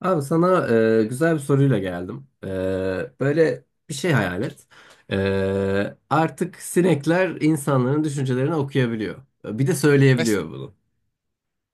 Abi sana güzel bir soruyla geldim. Böyle bir şey hayal et. Artık sinekler insanların düşüncelerini okuyabiliyor. Bir de Mes söyleyebiliyor bunu.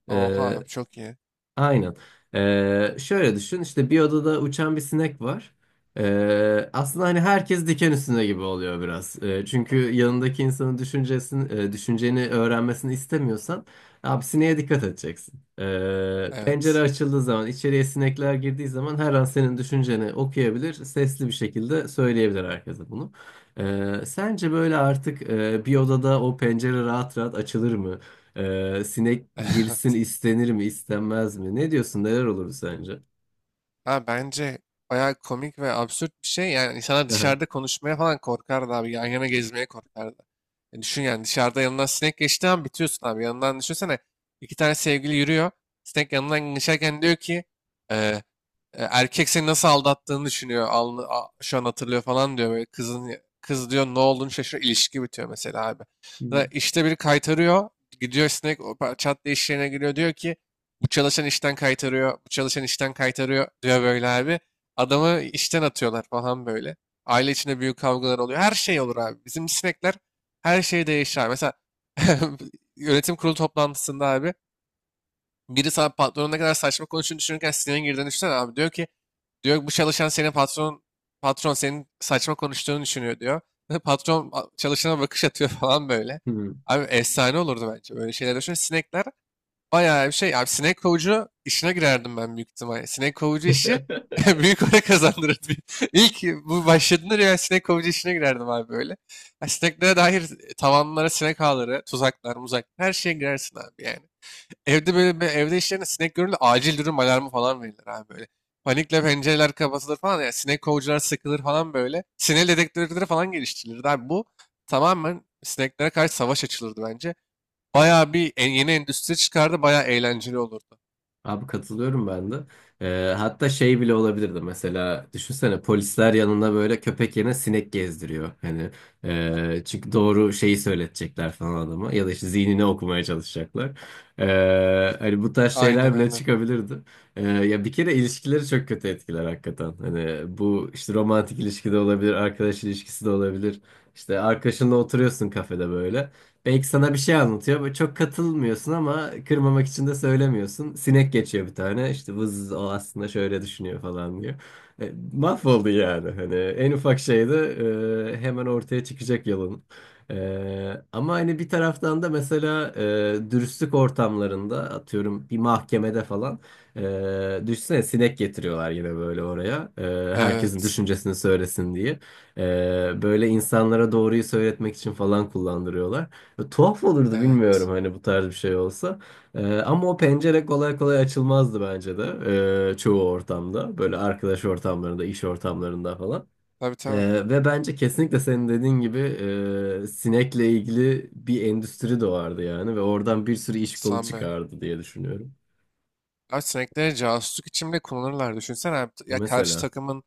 Oha çok iyi. Aynen. Şöyle düşün işte bir odada uçan bir sinek var. Aslında hani herkes diken üstünde gibi oluyor biraz. Çünkü yanındaki insanın düşüncesini, düşünceni öğrenmesini istemiyorsan abi sineğe dikkat edeceksin. Pencere Evet. açıldığı zaman içeriye sinekler girdiği zaman her an senin düşünceni okuyabilir. Sesli bir şekilde söyleyebilir herkese bunu. Sence böyle artık bir odada o pencere rahat rahat açılır mı? Sinek girsin Evet. istenir mi istenmez mi? Ne diyorsun neler olur sence? Ha Bence bayağı komik ve absürt bir şey. Yani insanlar Aha. dışarıda konuşmaya falan korkardı abi. Yan yana gezmeye korkardı. E düşün yani dışarıda yanından sinek geçti an bitiyorsun abi. Yanından düşünsene iki tane sevgili yürüyor. Sinek yanından geçerken diyor ki e, Erkek seni nasıl aldattığını düşünüyor. Şu an hatırlıyor falan diyor. Böyle kız diyor, ne olduğunu şaşırıyor. İlişki bitiyor mesela abi. Hı Da işte biri kaytarıyor. Gidiyor sinek, çat diye iş yerine giriyor. Diyor ki bu çalışan işten kaytarıyor. Bu çalışan işten kaytarıyor diyor böyle abi. Adamı işten atıyorlar falan böyle. Aile içinde büyük kavgalar oluyor. Her şey olur abi. Bizim sinekler, her şey değişir abi. Mesela yönetim kurulu toplantısında abi, biri sana patronun ne kadar saçma konuştuğunu düşünürken sinirin girdiğini düşünsene abi. Diyor ki, bu çalışan senin patron senin saçma konuştuğunu düşünüyor diyor. Patron çalışana bakış atıyor falan böyle. hı. Abi efsane olurdu bence, böyle şeyler düşün. Sinekler bayağı bir şey. Abi sinek kovucu işine girerdim ben büyük ihtimalle. Sinek kovucu işi büyük para kazandırırdı. İlk bu başladığında ya sinek kovucu işine girerdim abi böyle. Ya sineklere dair tavanlara sinek ağları, tuzaklar, muzak, her şeye girersin abi yani. Evde böyle evde işlerinde sinek görülür, acil durum alarmı falan verilir abi böyle. Panikle pencereler kapatılır falan, ya sinek kovucular sıkılır falan böyle. Sinek dedektörleri falan geliştirilirdi abi. Bu tamamen sineklere karşı savaş açılırdı bence. Bayağı bir yeni endüstri çıkardı, bayağı eğlenceli olurdu. Abi katılıyorum ben de. Hatta şey bile olabilirdi mesela düşünsene polisler yanında böyle köpek yerine sinek gezdiriyor. Hani çünkü doğru şeyi söyletecekler falan adama ya da işte zihnini okumaya çalışacaklar. Hani bu tarz Aynen şeyler bile aynen. çıkabilirdi. Ya bir kere ilişkileri çok kötü etkiler hakikaten. Hani bu işte romantik ilişki de olabilir, arkadaş ilişkisi de olabilir. İşte arkadaşınla oturuyorsun kafede böyle. Belki sana bir şey anlatıyor. Böyle çok katılmıyorsun ama kırmamak için de söylemiyorsun. Sinek geçiyor bir tane. İşte vız o aslında şöyle düşünüyor falan diyor. Mahvoldu yani. Hani en ufak şeyde hemen ortaya çıkacak yalın. Ama hani bir taraftan da mesela dürüstlük ortamlarında atıyorum bir mahkemede falan düşünsene sinek getiriyorlar yine böyle oraya. Herkesin Evet. düşüncesini söylesin diye. E, Böyle insanlara doğruyu söyletmek için falan kullandırıyorlar. Ve tuhaf olurdu Evet. bilmiyorum hani bu tarz bir şey olsa. Ama o pencere kolay kolay açılmazdı bence de çoğu ortamda. Böyle arkadaş ortamlarında, iş ortamlarında falan. Tabii tabii. Ve bence kesinlikle senin dediğin gibi sinekle ilgili bir endüstri doğardı yani. Ve oradan bir sürü iş kolu Sami. çıkardı diye düşünüyorum. Abi sinekleri casusluk için bile kullanırlar. Düşünsene abi. Ya karşı Mesela. takımın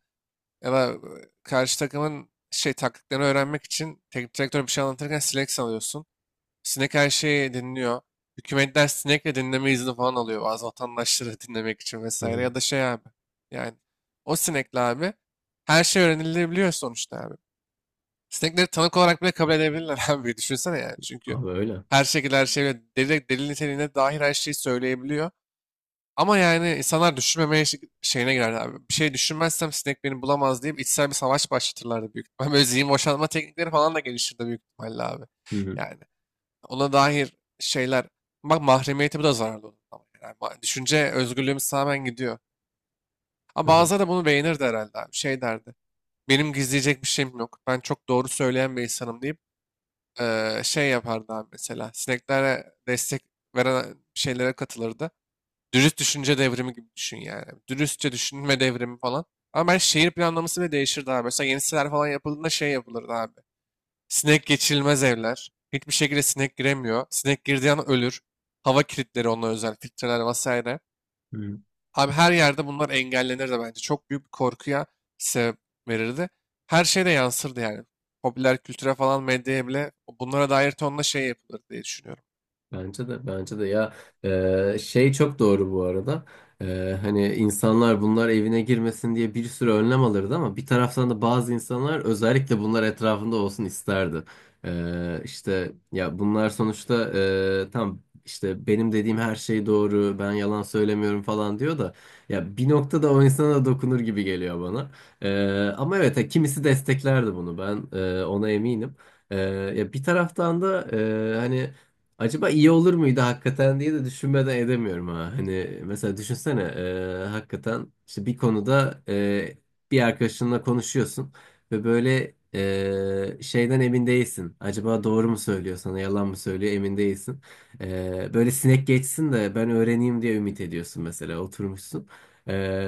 ya da e, Karşı takımın şey, taktiklerini öğrenmek için teknik direktör bir şey anlatırken sinek sanıyorsun. Sinek her şeyi dinliyor. Hükümetler sinekle dinleme izni falan alıyor, bazı vatandaşları dinlemek için Hı vesaire. hı. Ya da şey abi. Yani o sinekle abi her şey öğrenilebiliyor sonuçta abi. Sinekleri tanık olarak bile kabul edebilirler abi. Düşünsene yani. Çünkü Abi öyle. her şekilde her şeyle delil, delil niteliğine dair her şeyi söyleyebiliyor. Ama yani insanlar düşünmemeye şeyine girer abi. Bir şey düşünmezsem sinek beni bulamaz deyip içsel bir savaş başlatırlardı büyük ihtimalle. Böyle zihin boşaltma teknikleri falan da gelişirdi büyük ihtimalle abi. Hı. Yani ona dair şeyler, bak mahremiyeti bu da zararlı olur, ama yani düşünce özgürlüğümüz tamamen gidiyor. Ama Hı hı. bazıları da bunu beğenirdi herhalde abi. Şey derdi. Benim gizleyecek bir şeyim yok. Ben çok doğru söyleyen bir insanım deyip şey yapardı abi mesela. Sineklere destek veren şeylere katılırdı. Dürüst düşünce devrimi gibi düşün yani. Dürüstçe düşünme devrimi falan. Ama ben şehir planlaması bile değişirdi abi. Mesela yeni siteler falan yapıldığında şey yapılırdı abi. Sinek geçirilmez evler. Hiçbir şekilde sinek giremiyor. Sinek girdiği an ölür. Hava kilitleri onunla özel, filtreler vesaire. Hı hı. Abi her yerde bunlar engellenir de bence. Çok büyük bir korkuya sebep verirdi. Her şeye de yansırdı yani. Popüler kültüre falan, medyaya bile, bunlara dair tonla şey yapılır diye düşünüyorum. Bence de, bence de, ya, şey çok doğru bu arada. Hani insanlar bunlar evine girmesin diye bir sürü önlem alırdı ama bir taraftan da bazı insanlar özellikle bunlar etrafında olsun isterdi. İşte ya bunlar sonuçta tam işte benim dediğim her şey doğru ben yalan söylemiyorum falan diyor da ya bir noktada o insana da dokunur gibi geliyor bana. E, Ama evet ha, kimisi desteklerdi bunu ben, ona eminim. Ya bir taraftan da hani acaba iyi olur muydu hakikaten diye de düşünmeden edemiyorum ha. Hani mesela düşünsene hakikaten işte bir konuda bir arkadaşınla konuşuyorsun ve böyle şeyden emin değilsin. Acaba doğru mu söylüyor sana yalan mı söylüyor emin değilsin. Böyle sinek geçsin de ben öğreneyim diye ümit ediyorsun mesela oturmuşsun.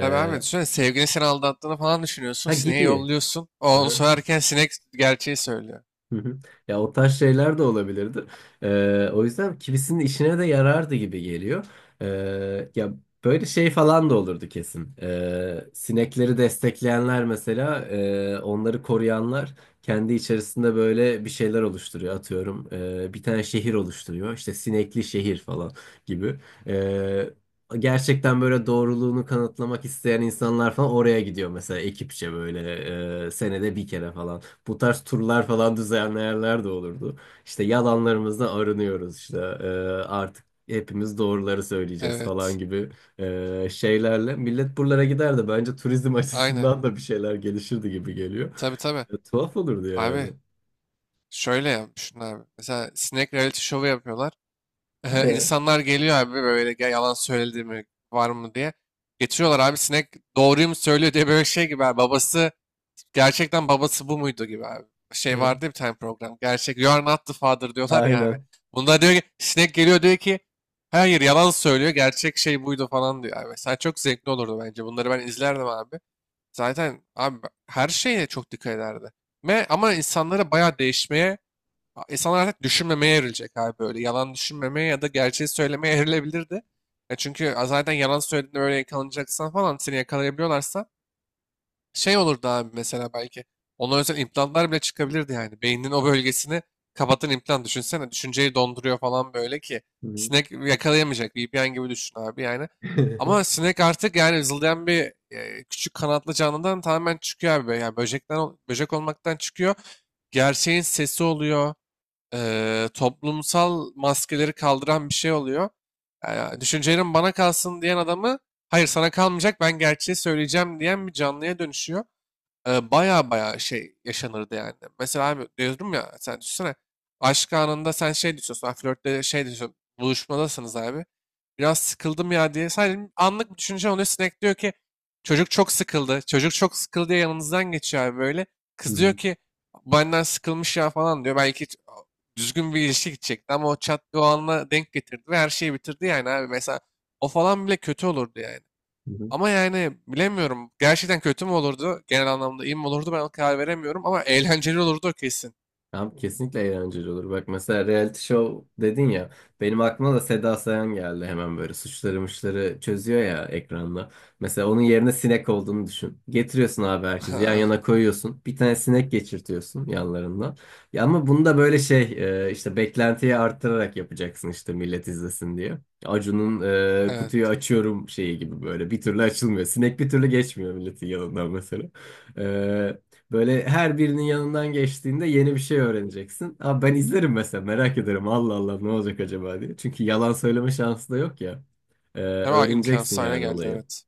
Tabii abi, düşünsene sevgilin seni aldattığını falan düşünüyorsun. ha Sineği gibi. yolluyorsun. O Hı onu hı. söylerken sinek gerçeği söylüyor. Hı hı. Ya o tarz şeyler de olabilirdi. O yüzden kimisinin işine de yarardı gibi geliyor. Ya böyle şey falan da olurdu kesin. Sinekleri destekleyenler mesela, onları koruyanlar kendi içerisinde böyle bir şeyler oluşturuyor. Atıyorum, bir tane şehir oluşturuyor. İşte sinekli şehir falan gibi. Ee, Gerçekten böyle doğruluğunu kanıtlamak isteyen insanlar falan oraya gidiyor mesela ekipçe böyle senede bir kere falan. Bu tarz turlar falan düzenleyenler de olurdu. İşte yalanlarımızdan arınıyoruz işte artık hepimiz doğruları söyleyeceğiz falan Evet. gibi şeylerle. Millet buralara giderdi. Bence turizm Aynen. açısından da bir şeyler gelişirdi gibi geliyor. Tabii tabii. Tuhaf olurdu yani. Abi şöyle yapmışsın abi. Mesela sinek reality show'u yapıyorlar. İnsanlar geliyor abi böyle, "Ya yalan söyledi mi var mı" diye. Getiriyorlar abi, sinek doğruyu mu söylüyor diye, böyle şey gibi abi. Gerçekten babası bu muydu gibi abi. Şey vardı ya bir tane program. Gerçek you are not the father diyorlar ya abi. Aynen. Bunda diyor ki, sinek geliyor diyor ki, hayır yalan söylüyor, gerçek şey buydu falan diyor abi. Mesela çok zevkli olurdu bence. Bunları ben izlerdim abi. Zaten abi her şeye çok dikkat ederdi. Ve, ama insanlara bayağı değişmeye A- İnsanlar artık düşünmemeye evrilecek abi böyle. Yalan düşünmemeye ya da gerçeği söylemeye evrilebilirdi. Ya çünkü zaten yalan söylediğinde böyle yakalanacaksan falan, seni yakalayabiliyorlarsa şey olurdu abi mesela, belki. Ona özel implantlar bile çıkabilirdi yani. Beyninin o bölgesini kapatan implant düşünsene. Düşünceyi donduruyor falan böyle ki. Hı hı. Sinek yakalayamayacak. VPN gibi düşün abi yani. Ama sinek artık yani zıldayan bir küçük kanatlı canlıdan tamamen çıkıyor abi. Yani böcekten, böcek olmaktan çıkıyor. Gerçeğin sesi oluyor, toplumsal maskeleri kaldıran bir şey oluyor. Yani düşüncelerin bana kalsın diyen adamı, hayır sana kalmayacak ben gerçeği söyleyeceğim diyen bir canlıya dönüşüyor. Baya baya şey yaşanırdı yani. Mesela abi diyorum ya, sen düşünsene, aşk anında sen şey diyorsun, flörtte şey diyorsun, buluşmadasınız abi, biraz sıkıldım ya diye. Sadece anlık bir düşünce oluyor. Sinek diyor ki çocuk çok sıkıldı. Çocuk çok sıkıldı diye yanınızdan geçiyor abi böyle. Hı Kız diyor hı. ki benden sıkılmış ya falan diyor. Düzgün bir ilişki gidecekti ama o çat o anla denk getirdi ve her şeyi bitirdi yani abi. Mesela o falan bile kötü olurdu yani. Hı hı. Ama yani bilemiyorum. Gerçekten kötü mü olurdu? Genel anlamda iyi mi olurdu? Ben karar veremiyorum ama eğlenceli olurdu o kesin. Abi kesinlikle eğlenceli olur. Bak mesela reality show dedin ya. Benim aklıma da Seda Sayan geldi hemen böyle suçları muçları çözüyor ya ekranda. Mesela onun yerine sinek olduğunu düşün. Getiriyorsun abi herkesi yan yana koyuyorsun. Bir tane sinek geçirtiyorsun yanlarından. Ya ama bunu da böyle şey, işte beklentiyi arttırarak yapacaksın işte millet izlesin diye. Acun'un kutuyu Evet. açıyorum şeyi gibi böyle bir türlü açılmıyor. Sinek bir türlü geçmiyor milletin yanından mesela. E, Böyle her birinin yanından geçtiğinde yeni bir şey öğreneceksin. Abi ben izlerim mesela merak ederim Allah Allah ne olacak acaba diye. Çünkü yalan söyleme şansı da yok ya. Hemen Öğreneceksin imkansız hale yani geldi, olayı. evet.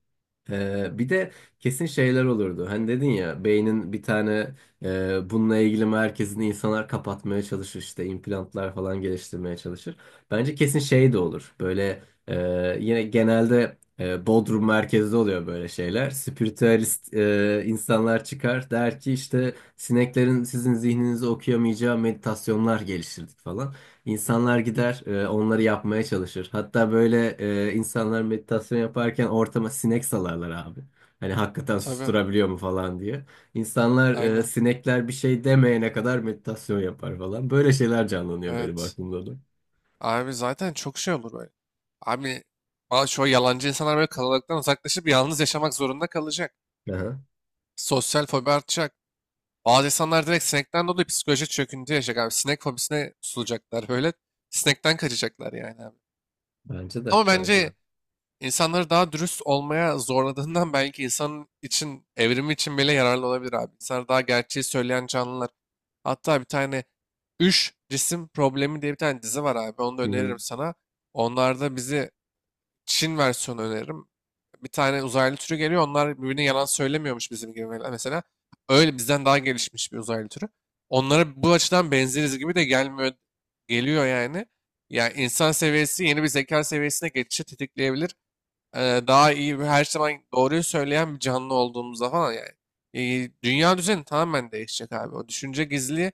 Bir de kesin şeyler olurdu. Hani dedin ya beynin bir tane bununla ilgili merkezini insanlar kapatmaya çalışır işte implantlar falan geliştirmeye çalışır. Bence kesin şey de olur. Böyle yine genelde Bodrum merkezde oluyor böyle şeyler. Spiritüalist insanlar çıkar der ki işte sineklerin sizin zihninizi okuyamayacağı meditasyonlar geliştirdik falan. İnsanlar gider, onları yapmaya çalışır. Hatta böyle insanlar meditasyon yaparken ortama sinek salarlar abi. Hani hakikaten Tabii. susturabiliyor mu falan diye. İnsanlar, Aynen. sinekler bir şey demeyene kadar meditasyon yapar falan. Böyle şeyler canlanıyor benim Evet. aklımda da. Abi zaten çok şey olur böyle. Abi bazı şu yalancı insanlar böyle kalabalıktan uzaklaşıp yalnız yaşamak zorunda kalacak. Aha, Sosyal fobi artacak. Bazı insanlar direkt sinekten dolayı psikolojik çöküntü yaşayacak abi. Sinek fobisine tutulacaklar böyle. Sinekten kaçacaklar yani abi. bence de, Ama bence de. bence insanları daha dürüst olmaya zorladığından belki insanın için, evrimi için bile yararlı olabilir abi. İnsanlar daha gerçeği söyleyen canlılar. Hatta bir tane Üç Cisim Problemi diye bir tane dizi var abi. Onu da Hı hı, öneririm sana. Onlarda bizi, Çin versiyonu öneririm. Bir tane uzaylı türü geliyor. Onlar birbirine yalan söylemiyormuş bizim gibi mesela. Öyle bizden daha gelişmiş bir uzaylı türü. Onlara bu açıdan benzeriz gibi de gelmiyor, geliyor yani. Yani insan seviyesi yeni bir zeka seviyesine geçişi tetikleyebilir. Daha iyi ve her zaman doğruyu söyleyen bir canlı olduğumuzda falan yani. Dünya düzeni tamamen değişecek abi. O düşünce gizli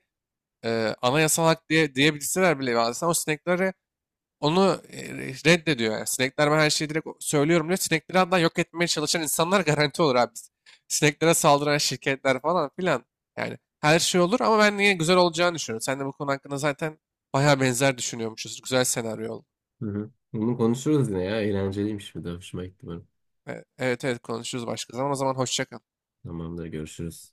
anayasal hak diye diyebilseler bile, bazen o sineklere onu reddediyor yani. Sinekler ben her şeyi direkt söylüyorum diyor. Sinekleri hatta yok etmeye çalışan insanlar garanti olur abi. Sineklere saldıran şirketler falan filan. Yani her şey olur ama ben niye güzel olacağını düşünüyorum. Sen de bu konu hakkında zaten bayağı benzer düşünüyormuşuz. Güzel senaryo oldu. hı hı. Bunu konuşuruz yine ya. Eğlenceliymiş bir de. Hoşuma gitti benim. Evet evet, konuşuruz başka zaman. O zaman hoşça kal. Tamamdır, görüşürüz.